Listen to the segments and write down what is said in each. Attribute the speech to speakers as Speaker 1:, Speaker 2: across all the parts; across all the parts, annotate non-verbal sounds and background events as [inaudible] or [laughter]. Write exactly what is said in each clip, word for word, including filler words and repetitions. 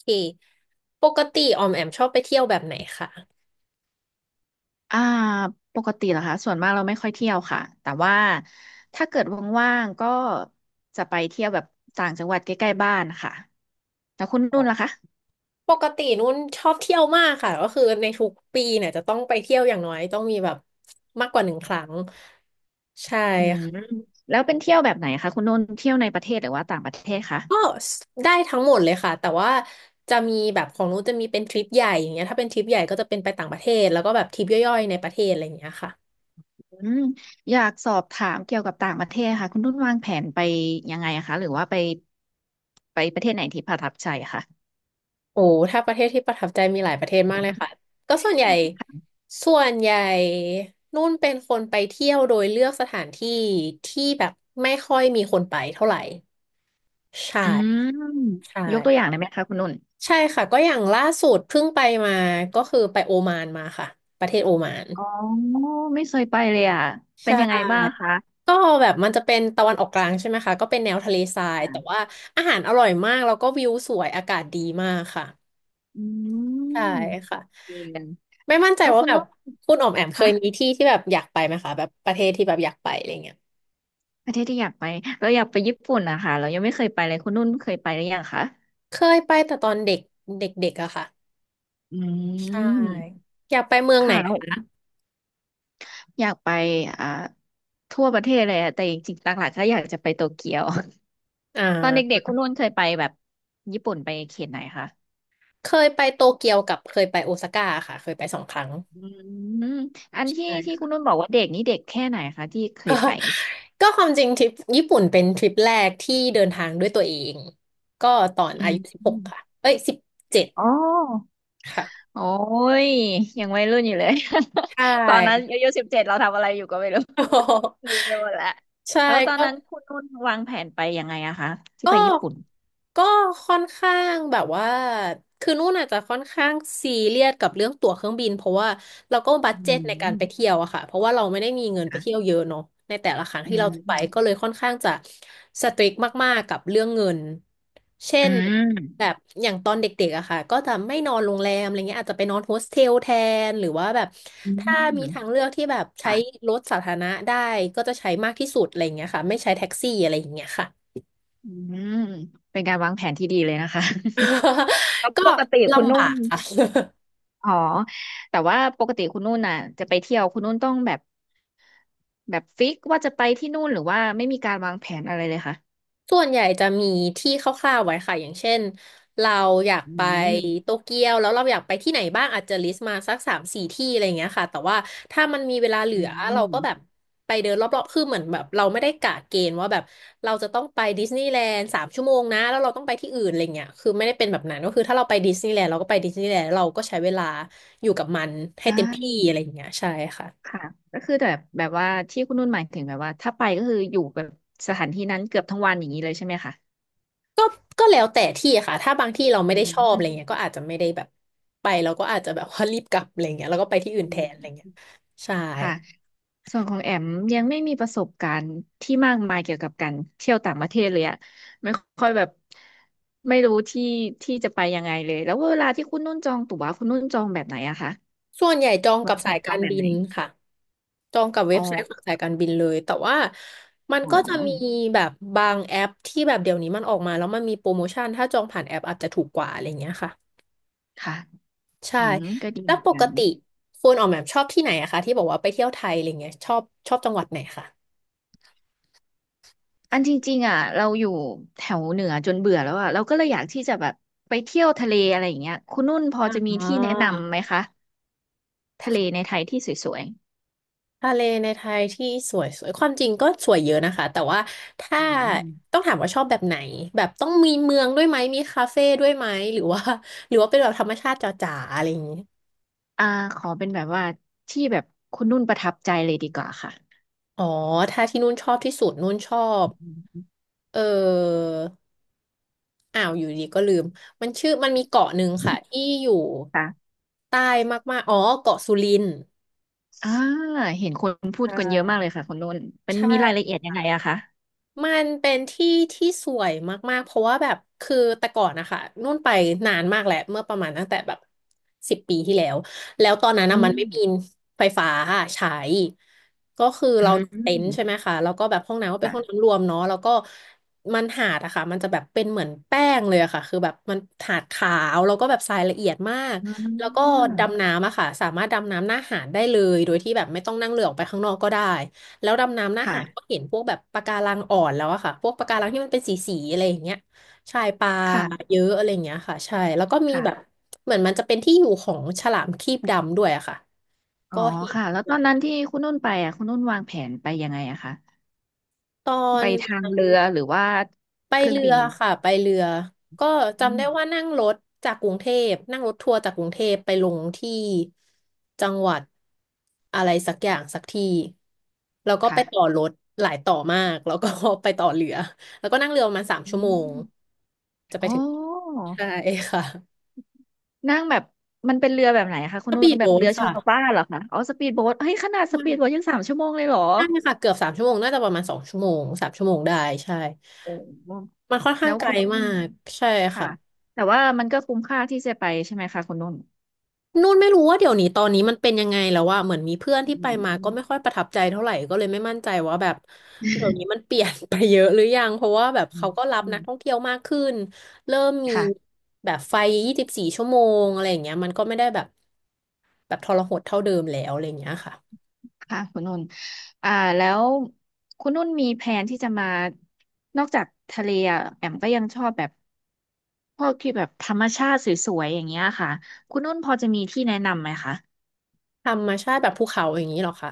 Speaker 1: เคปกติออมแอมชอบไปเที่ยวแบบไหนคะ
Speaker 2: อ่าปกติเหรอคะส่วนมากเราไม่ค่อยเที่ยวค่ะแต่ว่าถ้าเกิดว่างๆก็จะไปเที่ยวแบบต่างจังหวัดใกล้ๆบ้านค่ะแล้วคุณนุ่นล่ะคะ
Speaker 1: ปกตินุ่นชอบเที่ยวมากค่ะก็คือในทุกปีเนี่ยจะต้องไปเที่ยวอย่างน้อยต้องมีแบบมากกว่าหนึ่งครั้งใช่
Speaker 2: อืมแ
Speaker 1: ค่ะ
Speaker 2: ล้วเป็นเที่ยวแบบไหนคะคุณนุ่นเที่ยวในประเทศหรือว่าต่างประเทศคะ
Speaker 1: ก็ได้ทั้งหมดเลยค่ะแต่ว่าจะมีแบบของนุ่นจะมีเป็นทริปใหญ่อย่างเงี้ยถ้าเป็นทริปใหญ่ก็จะเป็นไปต่างประเทศแล้วก็แบบทริปย่อยๆในประเทศอะไรอย่างเงี้ยค่ะ
Speaker 2: อืมอยากสอบถามเกี่ยวกับต่างประเทศค่ะคุณนุ่นวางแผนไปยังไงอะคะหรือว่าไปไปประเทศไหนที่ประทับใจอะคะ
Speaker 1: โอ้ถ้าประเทศที่ประทับใจมีหลายประเทศมากเลยค่ะก็ส่วนใหญ่ส่วนใหญ่นุ่นเป็นคนไปเที่ยวโดยเลือกสถานที่ที่แบบไม่ค่อยมีคนไปเท่าไหร่ใช่
Speaker 2: อืม
Speaker 1: ใช่
Speaker 2: ยกตัวอย่างได้ไหมคะคุณนุ่น
Speaker 1: ใช่ค่ะก็อย่างล่าสุดเพิ่งไปมาก็คือไปโอมานมาค่ะประเทศโอมาน
Speaker 2: อ๋อไม่เคยไปเลยอ่ะเป็
Speaker 1: ใช่
Speaker 2: นยังไงบ้างคะ
Speaker 1: ก็แบบมันจะเป็นตะวันออกกลางใช่ไหมคะก็เป็นแนวทะเลทรายแต่ว่าอาหารอร่อยมากแล้วก็วิวสวยอากาศดีมากค่ะ
Speaker 2: อื
Speaker 1: ใช่
Speaker 2: ม
Speaker 1: ค่ะ
Speaker 2: ดีเลย
Speaker 1: ไม่มั่นใจ
Speaker 2: เออ
Speaker 1: ว่า
Speaker 2: คุณ
Speaker 1: แบบ
Speaker 2: นุ่น
Speaker 1: คุณอ๋อมแอมเค
Speaker 2: คะ
Speaker 1: ยมีที่ที่แบบอยากไปไหมคะแบบประเทศที่แบบอยากไปอะไรเงี้ย
Speaker 2: ประเทศที่อยากไปเราอยากไปญี่ปุ่นนะคะเรายังไม่เคยไปเลยคุณนุ่นเคยไปหรือยังคะ
Speaker 1: เคยไปแต่ตอนเด็กเด็กๆอะค่ะ
Speaker 2: อื
Speaker 1: ใช่
Speaker 2: ม
Speaker 1: อยากไปเมืองไหน
Speaker 2: ค่ะแล้วอยากไปอ่าทั่วประเทศเลยอะแต่จริงๆหลักๆก็อยากจะไปโตเกียว
Speaker 1: อ่
Speaker 2: [laughs] ตอนเด็
Speaker 1: า
Speaker 2: กๆคุณนุ่นเคยไปแบบญี่ปุ่นไปเขตไหนคะ
Speaker 1: เคยไปโตเกียวกับเคยไปโอซาก้าค่ะเคยไปสองครั้ง
Speaker 2: อืมอันที่
Speaker 1: ใช่
Speaker 2: ที่คุ
Speaker 1: ค่ะ
Speaker 2: ณนุ่นบอกว่าเด็กนี่เด็กแค่ไหนคะที่เคยไป
Speaker 1: [laughs] ก็ความจริงทริปญี่ปุ่นเป็นทริปแรกที่เดินทางด้วยตัวเองก็ตอน
Speaker 2: อื
Speaker 1: อา
Speaker 2: ม
Speaker 1: ยุสิบ
Speaker 2: อ
Speaker 1: หก
Speaker 2: ม
Speaker 1: ค่ะเอ้ยสิบเจ็ด
Speaker 2: อ๋อ
Speaker 1: ค่ะ
Speaker 2: โอ้ยยังวัยรุ่นอยู่เลย
Speaker 1: ใช
Speaker 2: [laughs] ตอนนั้น
Speaker 1: ่
Speaker 2: อายุสิบเจ็ดเราทำอะไรอยู่ก็ไม่รู้
Speaker 1: [laughs]
Speaker 2: ลืมไปหมดแล้ว
Speaker 1: ใช่
Speaker 2: แล้วตอน
Speaker 1: ก็
Speaker 2: นั้นคุณนุ่นวางแผนไปยังไงอะคะที่
Speaker 1: ก็
Speaker 2: ไปญี่ปุ่น
Speaker 1: ก็ค่อนข้างแบบว่าคือนู่นอาจจะค่อนข้างซีเรียสกับเรื่องตั๋วเครื่องบินเพราะว่าเราก็บัด
Speaker 2: อื
Speaker 1: เจ็ตในการ
Speaker 2: ม
Speaker 1: ไปเที่ยวอะค่ะเพราะว่าเราไม่ได้มีเงินไป
Speaker 2: ค่ะ
Speaker 1: เที่ยวเยอะเนาะในแต่ละครั้ง
Speaker 2: อื
Speaker 1: ที่เราไปก็เล
Speaker 2: ม
Speaker 1: ยค่อนข้างจะสตริกมากๆกับเรื่องเงินเช่
Speaker 2: อื
Speaker 1: นแบ
Speaker 2: ม
Speaker 1: บอย่างตอนเด็กๆอะค่ะก็จะไม่นอนโรงแรมอะไรเงี้ยอาจจะไปนอนโฮสเทลแทนหรือว่าแบบ
Speaker 2: อื
Speaker 1: ถ้ามีทาง
Speaker 2: ม
Speaker 1: เลือกที่แบบใช้
Speaker 2: ค่ะ
Speaker 1: รถสาธารณะได้ก็จะใช้มากที่สุดอะไรเงี้ยค่ะไม่ใช้แท็กซี่อะไรอย่างเงี้ยค่ะ
Speaker 2: อืมเป็นการวางแผนที่ดีเลยนะคะ [laughs] แล้ว
Speaker 1: [laughs] ก็
Speaker 2: ปกติคุณ
Speaker 1: ลำบา
Speaker 2: นุ่น
Speaker 1: กค่ะ [laughs]
Speaker 2: อ๋อแต่ว่าปกติคุณนุ่นน่ะจะไปเที่ยวคุณนุ่นต้องแบบแบบฟิกว่าจะไปที่นู่นหรือว่าไม่มีการวางแผนอะไรเลยค่ะ
Speaker 1: ส่วนใหญ่จะมีที่คร่าวๆไว้ค่ะอย่างเช่นเราอยาก
Speaker 2: อื
Speaker 1: ไปโต
Speaker 2: ม
Speaker 1: เกียวแล้วเราอยากไปที่ไหนบ้างอาจจะลิสต์มาสักสามสี่ที่อะไรอย่างเงี้ยค่ะแต่ว่าถ้ามันมีเวลาเหลื
Speaker 2: อื
Speaker 1: อเรา
Speaker 2: ม
Speaker 1: ก็แบบไปเดินรอบๆคือเหมือนแบบเราไม่ได้กะเกณฑ์ว่าแบบเราจะต้องไปดิสนีย์แลนด์สามชั่วโมงนะแล้วเราต้องไปที่อื่นอะไรเงี้ยคือไม่ได้เป็นแบบนั้นก็คือถ้าเราไปดิสนีย์แลนด์เราก็ไปดิสนีย์แลนด์เราก็ใช้เวลาอยู่กับมันให้
Speaker 2: อ่
Speaker 1: เต็มที่อะไร
Speaker 2: า
Speaker 1: อย่างเงี้ยใช่ค่ะ
Speaker 2: ค่ะก็คือแบบแบบว่าที่คุณนุ่นหมายถึงแบบว่าถ้าไปก็คืออยู่แบบสถานที่นั้นเกือบทั้งวันอย่างนี้เลยใช่ไหมคะ
Speaker 1: ก็ก็แล้วแต่ที่ค่ะถ้าบางที่เราไม่
Speaker 2: อื
Speaker 1: ได้ชอบอะ
Speaker 2: ม
Speaker 1: ไรเงี้ยก็อาจจะไม่ได้แบบไปเราก็อาจจะแบบว่ารีบกลับอะไรเงี้ยแล้วก็ไปที่อื่น
Speaker 2: อื
Speaker 1: แทนอะไรเงี้ย
Speaker 2: ม
Speaker 1: ใช่
Speaker 2: ค่ะส่วนของแอมยังไม่มีประสบการณ์ที่มากมายเกี่ยวกับการเที่ยวต่างประเทศเลยอะไม่ค่อยแบบไม่รู้ที่ที่จะไปยังไงเลยแล้วเวลาที่คุณนุ่นจองตั๋วคุณนุ่นจองแบบไหนอะคะ
Speaker 1: ส่วนใหญ่จองกั
Speaker 2: วา
Speaker 1: บ
Speaker 2: งแผ
Speaker 1: สาย
Speaker 2: นจ
Speaker 1: กา
Speaker 2: อง
Speaker 1: ร
Speaker 2: แบบ
Speaker 1: บิ
Speaker 2: ไหน
Speaker 1: นค่ะจองกับเว็
Speaker 2: อ๋อ
Speaker 1: บไซต์ของสายการบินเลยแต่ว่ามัน
Speaker 2: อ๋
Speaker 1: ก็จะมี
Speaker 2: อ
Speaker 1: แบบบางแอปที่แบบเดี๋ยวนี้มันออกมาแล้วมันมีโปรโมชั่นถ้าจองผ่านแอปอาจจะถูกกว่าอะไรเงี้ยค่ะ
Speaker 2: ค่ะ
Speaker 1: ใช่
Speaker 2: อืมก็ดี
Speaker 1: แล้
Speaker 2: เห
Speaker 1: ว
Speaker 2: มือน
Speaker 1: ป
Speaker 2: กั
Speaker 1: ก
Speaker 2: น
Speaker 1: ติคุณออกแบบชอบที่ไหนอะคะที่บอกว่าไปเที่ยวไทยอะไรเงี้ยชอบชอบจังหวัดไหนคะ
Speaker 2: อันจริงๆอ่ะเราอยู่แถวเหนือจนเบื่อแล้วอ่ะเราก็เลยอยากที่จะแบบไปเที่ยวทะเลอะไรอย่างเงี้ยคุณนุ่นพอ
Speaker 1: อ่
Speaker 2: จะมี
Speaker 1: า
Speaker 2: ที่แนะนำไหมคะทะเลในไทยที่สวย
Speaker 1: ทะเลในไทยที่สวยสวยความจริงก็สวยเยอะนะคะ แต่ว่า
Speaker 2: ๆ
Speaker 1: ถ้า
Speaker 2: อืม
Speaker 1: ต้องถามว่าชอบแบบไหนแบบต้องมีเมืองด้วยไหม มีคาเฟ่ด้วยไหม หรือว่า [laughs] หรือว่าเป็นแบบธรรมชาติจ๋าๆอะไรอย่างนี้
Speaker 2: ๆอ่าขอเป็นแบบว่าที่แบบคุณนุ่นประทับใจเลยดีกว่าค่ะ
Speaker 1: อ๋อถ้าที่นู่นชอบที่สุดนู่นชอ
Speaker 2: อ
Speaker 1: บ
Speaker 2: ืม
Speaker 1: เอออ้าวอยู่ดีก็ลืมมันชื่อมันมีเกาะหนึ่งค่ะที่อยู่
Speaker 2: ค่ะ
Speaker 1: ใต้มากๆอ๋อเกาะสุรินทร์
Speaker 2: อ่าเห็นคนพู
Speaker 1: ใช
Speaker 2: ดกันเยอะมา
Speaker 1: ่
Speaker 2: กเลยค่ะคุณนุ่นมัน
Speaker 1: ใช่
Speaker 2: มีรายละเอียดยังไงอะคะ
Speaker 1: มันเป็นที่ที่สวยมากๆเพราะว่าแบบคือแต่ก่อนนะคะนู่นไปนานมากแหละเมื่อประมาณตั้งแต่แบบสิบปีที่แล้วแล้วตอนนั้น
Speaker 2: อื
Speaker 1: นะมัน
Speaker 2: ม
Speaker 1: ไม่มีไฟฟ้าใช้ก็คือ
Speaker 2: อื
Speaker 1: เราเต็นท์ใช่ไห
Speaker 2: ม
Speaker 1: มคะแล้วก็แบบห้องน้ำก็เป็นห้อง
Speaker 2: ค่ะ
Speaker 1: น้ำรวมเนาะแล้วก็มันหาดอะค่ะมันจะแบบเป็นเหมือนแป้งเลยอะค่ะคือแบบมันหาดขาวแล้วก็แบบทรายละเอียดมาก
Speaker 2: อ่
Speaker 1: แล้วก็
Speaker 2: า
Speaker 1: ดำน้ำอะค่ะสามารถดำน้ำหน้าหาดได้เลยโดยที่แบบไม่ต้องนั่งเรือออกไปข้างนอกก็ได้ แล้วดำน้ำหน้าหาดก็
Speaker 2: ค่ะ
Speaker 1: เห็นพวกแบบปะการังอ่อนแล้วอะค่ะพวกปะการังที่มันเป็นสีสีอะไรอย่างเงี้ยใช่ปลา
Speaker 2: ค่ะ
Speaker 1: เยอะอะไรอย่างเงี้ยค่ะใช่แล้วก็มีแบบ
Speaker 2: ค่ะ
Speaker 1: เหมือนมันจะเป็นที่อยู่ของฉลามครีบดำด้วยอะค่ะ
Speaker 2: อ๋อ
Speaker 1: ก็เห็น
Speaker 2: ค่ะแล้วตอนนั้นที่คุณนุ่นไปอ่ะคุณนุ่นวางแผนไปยังไงอะคะ
Speaker 1: ตอ
Speaker 2: ไป
Speaker 1: น
Speaker 2: ทาง
Speaker 1: นั้
Speaker 2: เรือ
Speaker 1: น
Speaker 2: หรือว่า
Speaker 1: ไป
Speaker 2: เครื่อง
Speaker 1: เรื
Speaker 2: บิ
Speaker 1: อ
Speaker 2: น
Speaker 1: ค่ะไปเรือก็
Speaker 2: อื
Speaker 1: จำได้ว่า
Speaker 2: ม
Speaker 1: นั่งรถจากกรุงเทพนั่งรถทัวร์จากกรุงเทพไปลงที่จังหวัดอะไรสักอย่างสักที่แล้วก็ไปต่อ
Speaker 2: ค่ะ
Speaker 1: รถหลายต่อมากแล้วก็ [laughs] ไปต่อเรือแล้วก็นั่งเรือประมาณสาม
Speaker 2: อื
Speaker 1: ชั่วโมง
Speaker 2: ม
Speaker 1: จะไป
Speaker 2: อ๋อ
Speaker 1: ถึงใช่ค่ะ
Speaker 2: นั่งแบบมันเป็นเรือแบบไหนคะคุณ
Speaker 1: ก็
Speaker 2: นุ่น
Speaker 1: ปีด
Speaker 2: แบบ
Speaker 1: โบ๊ท
Speaker 2: เรือชา
Speaker 1: ค่ะ
Speaker 2: วบ้านเหรอคะอ๋อสปีดโบ๊ทเฮ้ยขนาดสปีดโบ๊ทยังสามชั่วโมงเลยเหรอ
Speaker 1: ใช่ค่ะเกือบสามชั่วโมงน่าจะประมาณสองชั่วโมงสามชั่วโมงได้ใช่
Speaker 2: โอ้
Speaker 1: มันค่อน
Speaker 2: แล้
Speaker 1: ข้าง
Speaker 2: ว
Speaker 1: ไกล
Speaker 2: คุณนุ่น
Speaker 1: มากใช่
Speaker 2: ค่ะ
Speaker 1: ค่ะ
Speaker 2: แต่ว่ามันก็คุ้มค่าที่จะไปใช่ไหมคะคุณนุ่น
Speaker 1: นู่นไม่รู้ว่าเดี๋ยวนี้ตอนนี้มันเป็นยังไงแล้วว่าเหมือนมีเพื่อนที่
Speaker 2: อื
Speaker 1: ไป
Speaker 2: ม
Speaker 1: มา
Speaker 2: อื
Speaker 1: ก็
Speaker 2: ม
Speaker 1: ไม่ค่อยประทับใจเท่าไหร่ก็เลยไม่มั่นใจว่าแบบเดี๋ยวนี้มันเปลี่ยน [laughs] ไปเยอะหรือยังเพราะว่าแบบ
Speaker 2: อื
Speaker 1: เขา
Speaker 2: ม
Speaker 1: ก็รับ
Speaker 2: อื
Speaker 1: นั
Speaker 2: ม
Speaker 1: กท่องเที่ยวมากขึ้นเริ่มมี
Speaker 2: ค่ะ
Speaker 1: แบบไฟยี่สิบสี่ชั่วโมงอะไรอย่างเงี้ยมันก็ไม่ได้แบบแบบทรหดเท่าเดิมแล้วอะไรอย่างเงี้ยค่ะ
Speaker 2: ค่ะคุณนุ่นอ่าแล้วคุณนุ่นมีแผนที่จะมานอกจากทะเลอะแอมก็ยังชอบแบบ พวกที่แบบธรรมชาติสวยๆอย่างเงี้ยค่ะคุณนุ่นพอจะมีที่แนะนำไหมคะ
Speaker 1: ธรรมชาติแบบภูเขาอย่างนี้เหรอคะ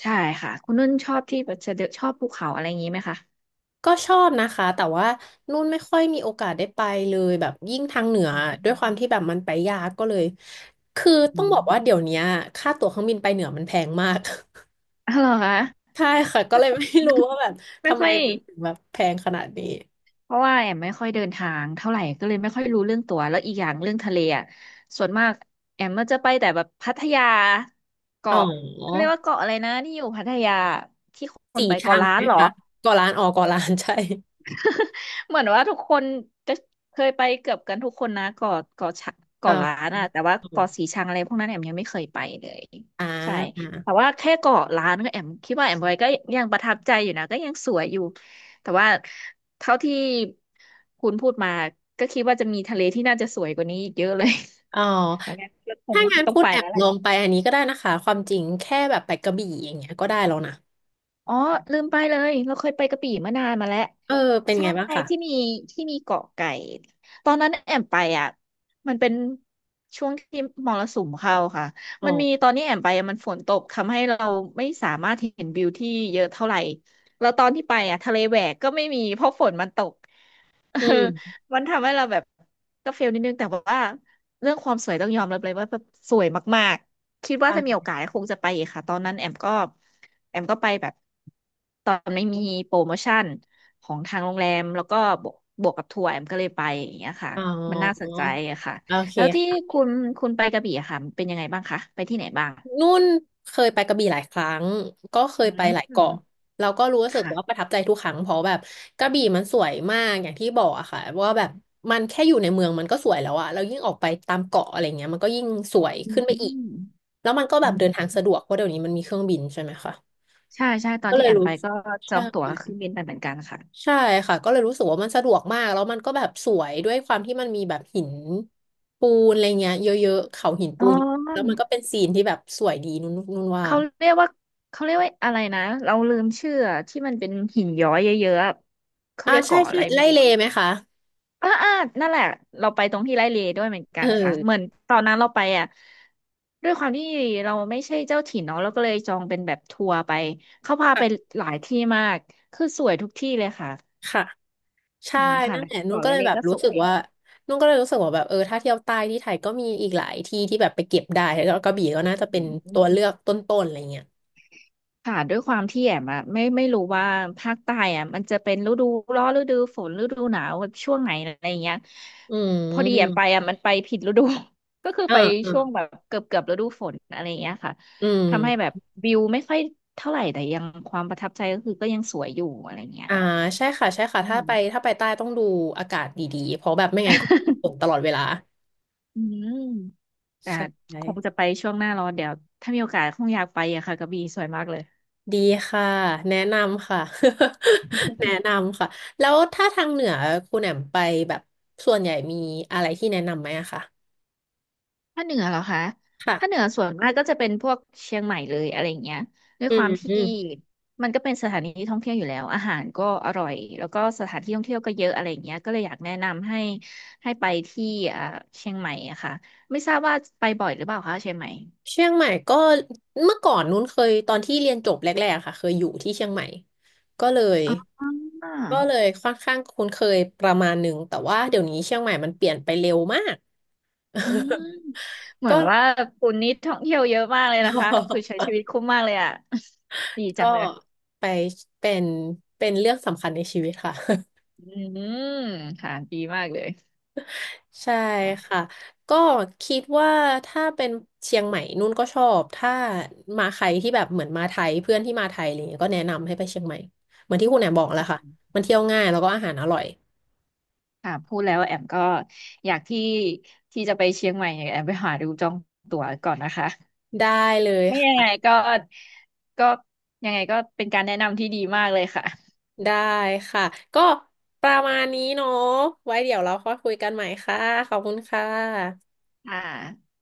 Speaker 2: ใช่ค่ะคุณนุ่นชอบที่แบบจะเดินชอบภูเขาอะไรอย่างงี้ไหมคะ
Speaker 1: ก็ชอบนะคะแต่ว่านุ่นไม่ค่อยมีโอกาสได้ไปเลยแบบยิ่งทางเหนือ
Speaker 2: อื
Speaker 1: ด้ว
Speaker 2: ม
Speaker 1: ยความที่แบบมันไปยากก็เลยคือ
Speaker 2: อื
Speaker 1: ต้องบ
Speaker 2: ม
Speaker 1: อกว่าเดี๋ยวเนี้ยค่าตั๋วเครื่องบินไปเหนือมันแพงมาก
Speaker 2: อ๋อเหรอคะ
Speaker 1: [laughs]
Speaker 2: [laughs]
Speaker 1: ใช่ค่ะก็เลยไม่รู้ว่าแบบ
Speaker 2: ไม่
Speaker 1: ทำไม
Speaker 2: ค่อย
Speaker 1: มันถึงแบบแพงขนาดนี้
Speaker 2: เพราะว่าแอมไม่ค่อยเดินทางเท่าไหร่ก็เลยไม่ค่อยรู้เรื่องตัวแล้วอีกอย่างเรื่องทะเลอ่ะส่วนมากแอมมันจะไปแต่แบบพัทยา
Speaker 1: อ๋
Speaker 2: เกาะเขา
Speaker 1: อ
Speaker 2: เรียกว่าเกาะอะไรนะที่อยู่พัทยาที่คน
Speaker 1: สี่
Speaker 2: ไป
Speaker 1: ช่า
Speaker 2: เกาะ
Speaker 1: ง
Speaker 2: ล้า
Speaker 1: ไหม
Speaker 2: นเหรอ
Speaker 1: คะก่อล้านอ๋อก่อล้านใช่ [laughs]
Speaker 2: เหมือนว่าทุกคนจะเคยไปเกือบกันทุกคนนะเกาะเกาะชะเกาะล้า
Speaker 1: อ๋า
Speaker 2: นอะแต่ว่าเกาะสีชังอะไรพวกนั้นแอมยังไม่เคยไปเลย
Speaker 1: อ่
Speaker 2: ใช่
Speaker 1: า
Speaker 2: แต่ว่าแค่เกาะล้านก็แอมคิดว่าแอมไปก็ยังประทับใจอยู่นะก็ยังสวยอยู่แต่ว่าเท่าที่คุณพูดมาก็คิดว่าจะมีทะเลที่น่าจะสวยกว่านี้อีกเยอะเลย
Speaker 1: อ๋อ
Speaker 2: [laughs] แล้วงั้นก็คง
Speaker 1: ถ้างั้น
Speaker 2: ต้อง
Speaker 1: พูด
Speaker 2: ไป
Speaker 1: แอ
Speaker 2: แล้
Speaker 1: บ
Speaker 2: วแห
Speaker 1: ล
Speaker 2: ละ
Speaker 1: องไปอันนี้ก็ได้นะคะความจริงแค่แบบไปกระบี่อย่างเงี้ยก็ได้แล้วนะ
Speaker 2: อ๋อลืมไปเลยเราเคยไปกระบี่มานานมาแล้ว
Speaker 1: เออเป็น
Speaker 2: ใช่
Speaker 1: ไงบ้างคะ
Speaker 2: ที่มีที่มีเกาะไก่ตอนนั้นแอมไปอ่ะมันเป็นช่วงที่มรสุมเข้าค่ะมันมีตอนนี้แอมไปอะมันฝนตกทำให้เราไม่สามารถเห็นวิวที่เยอะเท่าไหร่แล้วตอนที่ไปอ่ะทะเลแหวกก็ไม่มีเพราะฝนมันตก [laughs] เออ
Speaker 1: อืม
Speaker 2: มันทำให้เราแบบก็เฟลนิดนึงแต่ว่าเรื่องความสวยต้องยอมรับเลยว่าแบบสวยมากๆคิดว่า
Speaker 1: ค่ะ
Speaker 2: จะมีโอกาสคงจะไปอีกค่ะตอนนั้นแอมก็แอมก็ไปแบบตอนไม่มีโปรโมชั่นของทางโรงแรมแล้วก็บวกบวกกับทัวร์แอมก็เลยไปอย่างเงี้ยค่ะ
Speaker 1: อ๋
Speaker 2: มันน่าส
Speaker 1: อ
Speaker 2: นใจอะค่ะ
Speaker 1: โอเค
Speaker 2: แล้วที่
Speaker 1: ค่ะ
Speaker 2: คุณคุณไปกระบี่อะค่ะเป็นยังไงบ้างคะไปที่ไหนบ้าง
Speaker 1: นุ่นเคยไปกระบี่หลายครั้งก็เค
Speaker 2: อื
Speaker 1: ยไปหลายเกาะ
Speaker 2: ม
Speaker 1: แล้วก็รู้สึกว่าประ
Speaker 2: ค่ะ
Speaker 1: ทับใจทุกครั้งเพราะแบบกระบี่มันสวยมากอย่างที่บอกอะค่ะว่าแบบมันแค่อยู่ในเมืองมันก็สวยแล้วอะแล้วยิ่งออกไปตามเกาะอะไรเงี้ยมันก็ยิ่งสวย
Speaker 2: อื
Speaker 1: ขึ้นไปอีก
Speaker 2: ม
Speaker 1: แล้วมันก็แบ
Speaker 2: อื
Speaker 1: บเดินทา
Speaker 2: ม
Speaker 1: งสะดวกเพราะเดี๋ยวนี้มันมีเครื่องบินใช่ไหมคะ
Speaker 2: ใช่ใช่ตอน
Speaker 1: ก็เล
Speaker 2: ที่
Speaker 1: ย
Speaker 2: แอม
Speaker 1: รู้
Speaker 2: ไปก็จอ
Speaker 1: ใช่
Speaker 2: งตั๋วเครื่องบินไปเหมือนกันค่ะ
Speaker 1: ใช่ค่ะก็เลยรู้สึกว่ามันสะดวกมากแล้วมันก็แบบสวยด้วยความที่มันมีแบบหินปูนอะไรเงี้ยเยอะๆเขาหินปู
Speaker 2: อ๋อ
Speaker 1: นแล้วมันก็เป็นซีนที่แบบสวยดีนุ่นนุ่นว่า
Speaker 2: เขาเรียกว่าเขาเรียกว่าอะไรนะเราลืมชื่ออะที่มันเป็นหินย้อยเยอะๆอะเขา
Speaker 1: อ่า
Speaker 2: เรียก
Speaker 1: ใช่
Speaker 2: เกาะอะ
Speaker 1: ใช่
Speaker 2: ไรไม่
Speaker 1: ไล่
Speaker 2: รู้
Speaker 1: เล
Speaker 2: อะ
Speaker 1: ไหมคะ
Speaker 2: อ่าอ่านั่นแหละเราไปตรงที่ไร่เลด้วยเหมือนกั
Speaker 1: เอ
Speaker 2: นค่ะเหมือ
Speaker 1: อ
Speaker 2: นตอนนั้นเราไปอ่ะด้วยความที่เราไม่ใช่เจ้าถิ่นเนาะเราก็เลยจองเป็นแบบทัวร์ไปเขาพาไป
Speaker 1: ค่ะ
Speaker 2: หลายที่มากคือสวยทุกที่เลยค่ะ
Speaker 1: ค่ะใช่
Speaker 2: อืมค่ะ
Speaker 1: นั่น
Speaker 2: แล้ว
Speaker 1: แหละนุ่น
Speaker 2: เกาะ
Speaker 1: ก็
Speaker 2: ไร่
Speaker 1: เลย
Speaker 2: เล
Speaker 1: แบบ
Speaker 2: ก็ส
Speaker 1: รู้สึ
Speaker 2: ว
Speaker 1: ก
Speaker 2: ย
Speaker 1: ว่านุ่นก็เลยรู้สึกว่าแบบเออถ้าเที่ยวใต้ที่ไทยก็มีอีกหลายที่ที่แบบไปเก็บได้แล้วกระบี่ก็น่าจะเป็น
Speaker 2: อื
Speaker 1: ตั
Speaker 2: ม
Speaker 1: วเลือกต้นๆอะไรเงี้ย
Speaker 2: ค่ะด้วยความที่แอมอะไม่ไม่รู้ว่าภาคใต้อะมันจะเป็นฤดูร้อนฤดูฝนฤดูหนาวแบบช่วงไหนอะไรอย่างเงี้ย
Speaker 1: อื
Speaker 2: พอดีแอมไป
Speaker 1: ม
Speaker 2: อะมันไปผิดฤดู [laughs] ก็คือ
Speaker 1: อ่า
Speaker 2: ไป
Speaker 1: อ่า
Speaker 2: ช่วงแบบเกือบเกือบฤดูฝนอะไรอย่างเงี้ยค่ะ
Speaker 1: อืม
Speaker 2: ทำให้แบบวิวไม่ค่อยเท่าไหร่แต่ยังความประทับใจก็คือก็ยังสวยอยู่อะไรเงี้ย
Speaker 1: อ่าใช่ค่ะใช่ค่ะ
Speaker 2: อื
Speaker 1: ถ้า
Speaker 2: ม
Speaker 1: ไปถ้าไปใต้ต้องดูอากาศดีๆเพราะแบบไม่งั้นก็ฝนต
Speaker 2: [laughs]
Speaker 1: ลอดเวลา
Speaker 2: อืมแต่
Speaker 1: ใช
Speaker 2: คง
Speaker 1: ่
Speaker 2: จะไปช่วงหน้าร้อนเดี๋ยวถ้ามีโอกาสคงอยากไปอะค่ะกระบี่สวยมากเลย
Speaker 1: ดีค่ะแนะนำค่ะ [laughs] แนะนำค่ะแล้วถ้าทางเหนือคุณแอมมไปแบบส่วนใหญ่มีอะไรที่แนะนำไหมอะคะ
Speaker 2: ภาคเหนือเหรอคะภาคเหนื
Speaker 1: ค่ะ
Speaker 2: อส่วนมากก็จะเป็นพวกเชียงใหม่เลยอะไรอย่างเงี้ยด้วย
Speaker 1: อื
Speaker 2: ควา
Speaker 1: ม
Speaker 2: มที่
Speaker 1: อืม
Speaker 2: มันก็เป็นสถานที่ท่องเที่ยวอยู่แล้วอาหารก็อร่อยแล้วก็สถานที่ท่องเที่ยวก็เยอะอะไรอย่างเงี้ยก็เลยอยากแนะนำให้ให้ไปที่อ่าเชียงใหม่อะค่ะไม่ทราบว่าไปบ่อยหรือเปล่าคะเชียงใหม่
Speaker 1: เชียงใหม่ก็เมื่อก่อนนู้นเคยตอนที่เรียนจบแรกๆค่ะเคยอยู่ที่เชียงใหม่ก็เลย
Speaker 2: อ๋อ
Speaker 1: ก็เลยค่อนข้างคุ้นเคยประมาณหนึ่งแต่ว่าเดี๋ยวนี้เชียงใหม่มันเปลี่ยนไปเร็วมาก
Speaker 2: อืมเห
Speaker 1: [laughs]
Speaker 2: มื
Speaker 1: ก็
Speaker 2: อนว่าคุณนี่ท่องเที่ยวเยอะมากเลยนะคะคือใช้ชี
Speaker 1: [laughs]
Speaker 2: วิตคุ้มมากเลยอะ [laughs] ดีจั
Speaker 1: ก็
Speaker 2: งเลย
Speaker 1: ไปเป็นเป็นเรื่องสำคัญในชีวิตค่ะ [laughs]
Speaker 2: อืมค่ะดีมากเลย
Speaker 1: ใช่ค่ะก็คิดว่าถ้าเป็นเชียงใหม่นุ่นก็ชอบถ้ามาใครที่แบบเหมือนมาไทยเพื่อนที่มาไทยอะไรเงี้ยก็แนะนำให้ไปเชียงใหม่เหมือนที่คุณแหนมบอกแล้วค่ะมันเที่ยวง่ายแล้วก็อาหารอร่อย
Speaker 2: ค่ะพูดแล้วแอมก็อยากที่ที่จะไปเชียงใหม่เนี่ยแอมไปหาดูจองตั๋วก่อนนะคะ
Speaker 1: ได้เลย
Speaker 2: ถ้ายังไง
Speaker 1: ค่ะ
Speaker 2: ก็ก็ยังไงก็เป็นการแนะนำที่ดีมากเลยค่ะ
Speaker 1: ได้ค่ะก็ประมาณนี้เนาะไว้เดี๋ยวเราค่อยคุยกันใหม่ค่ะขอบคุณค่ะ
Speaker 2: อ่า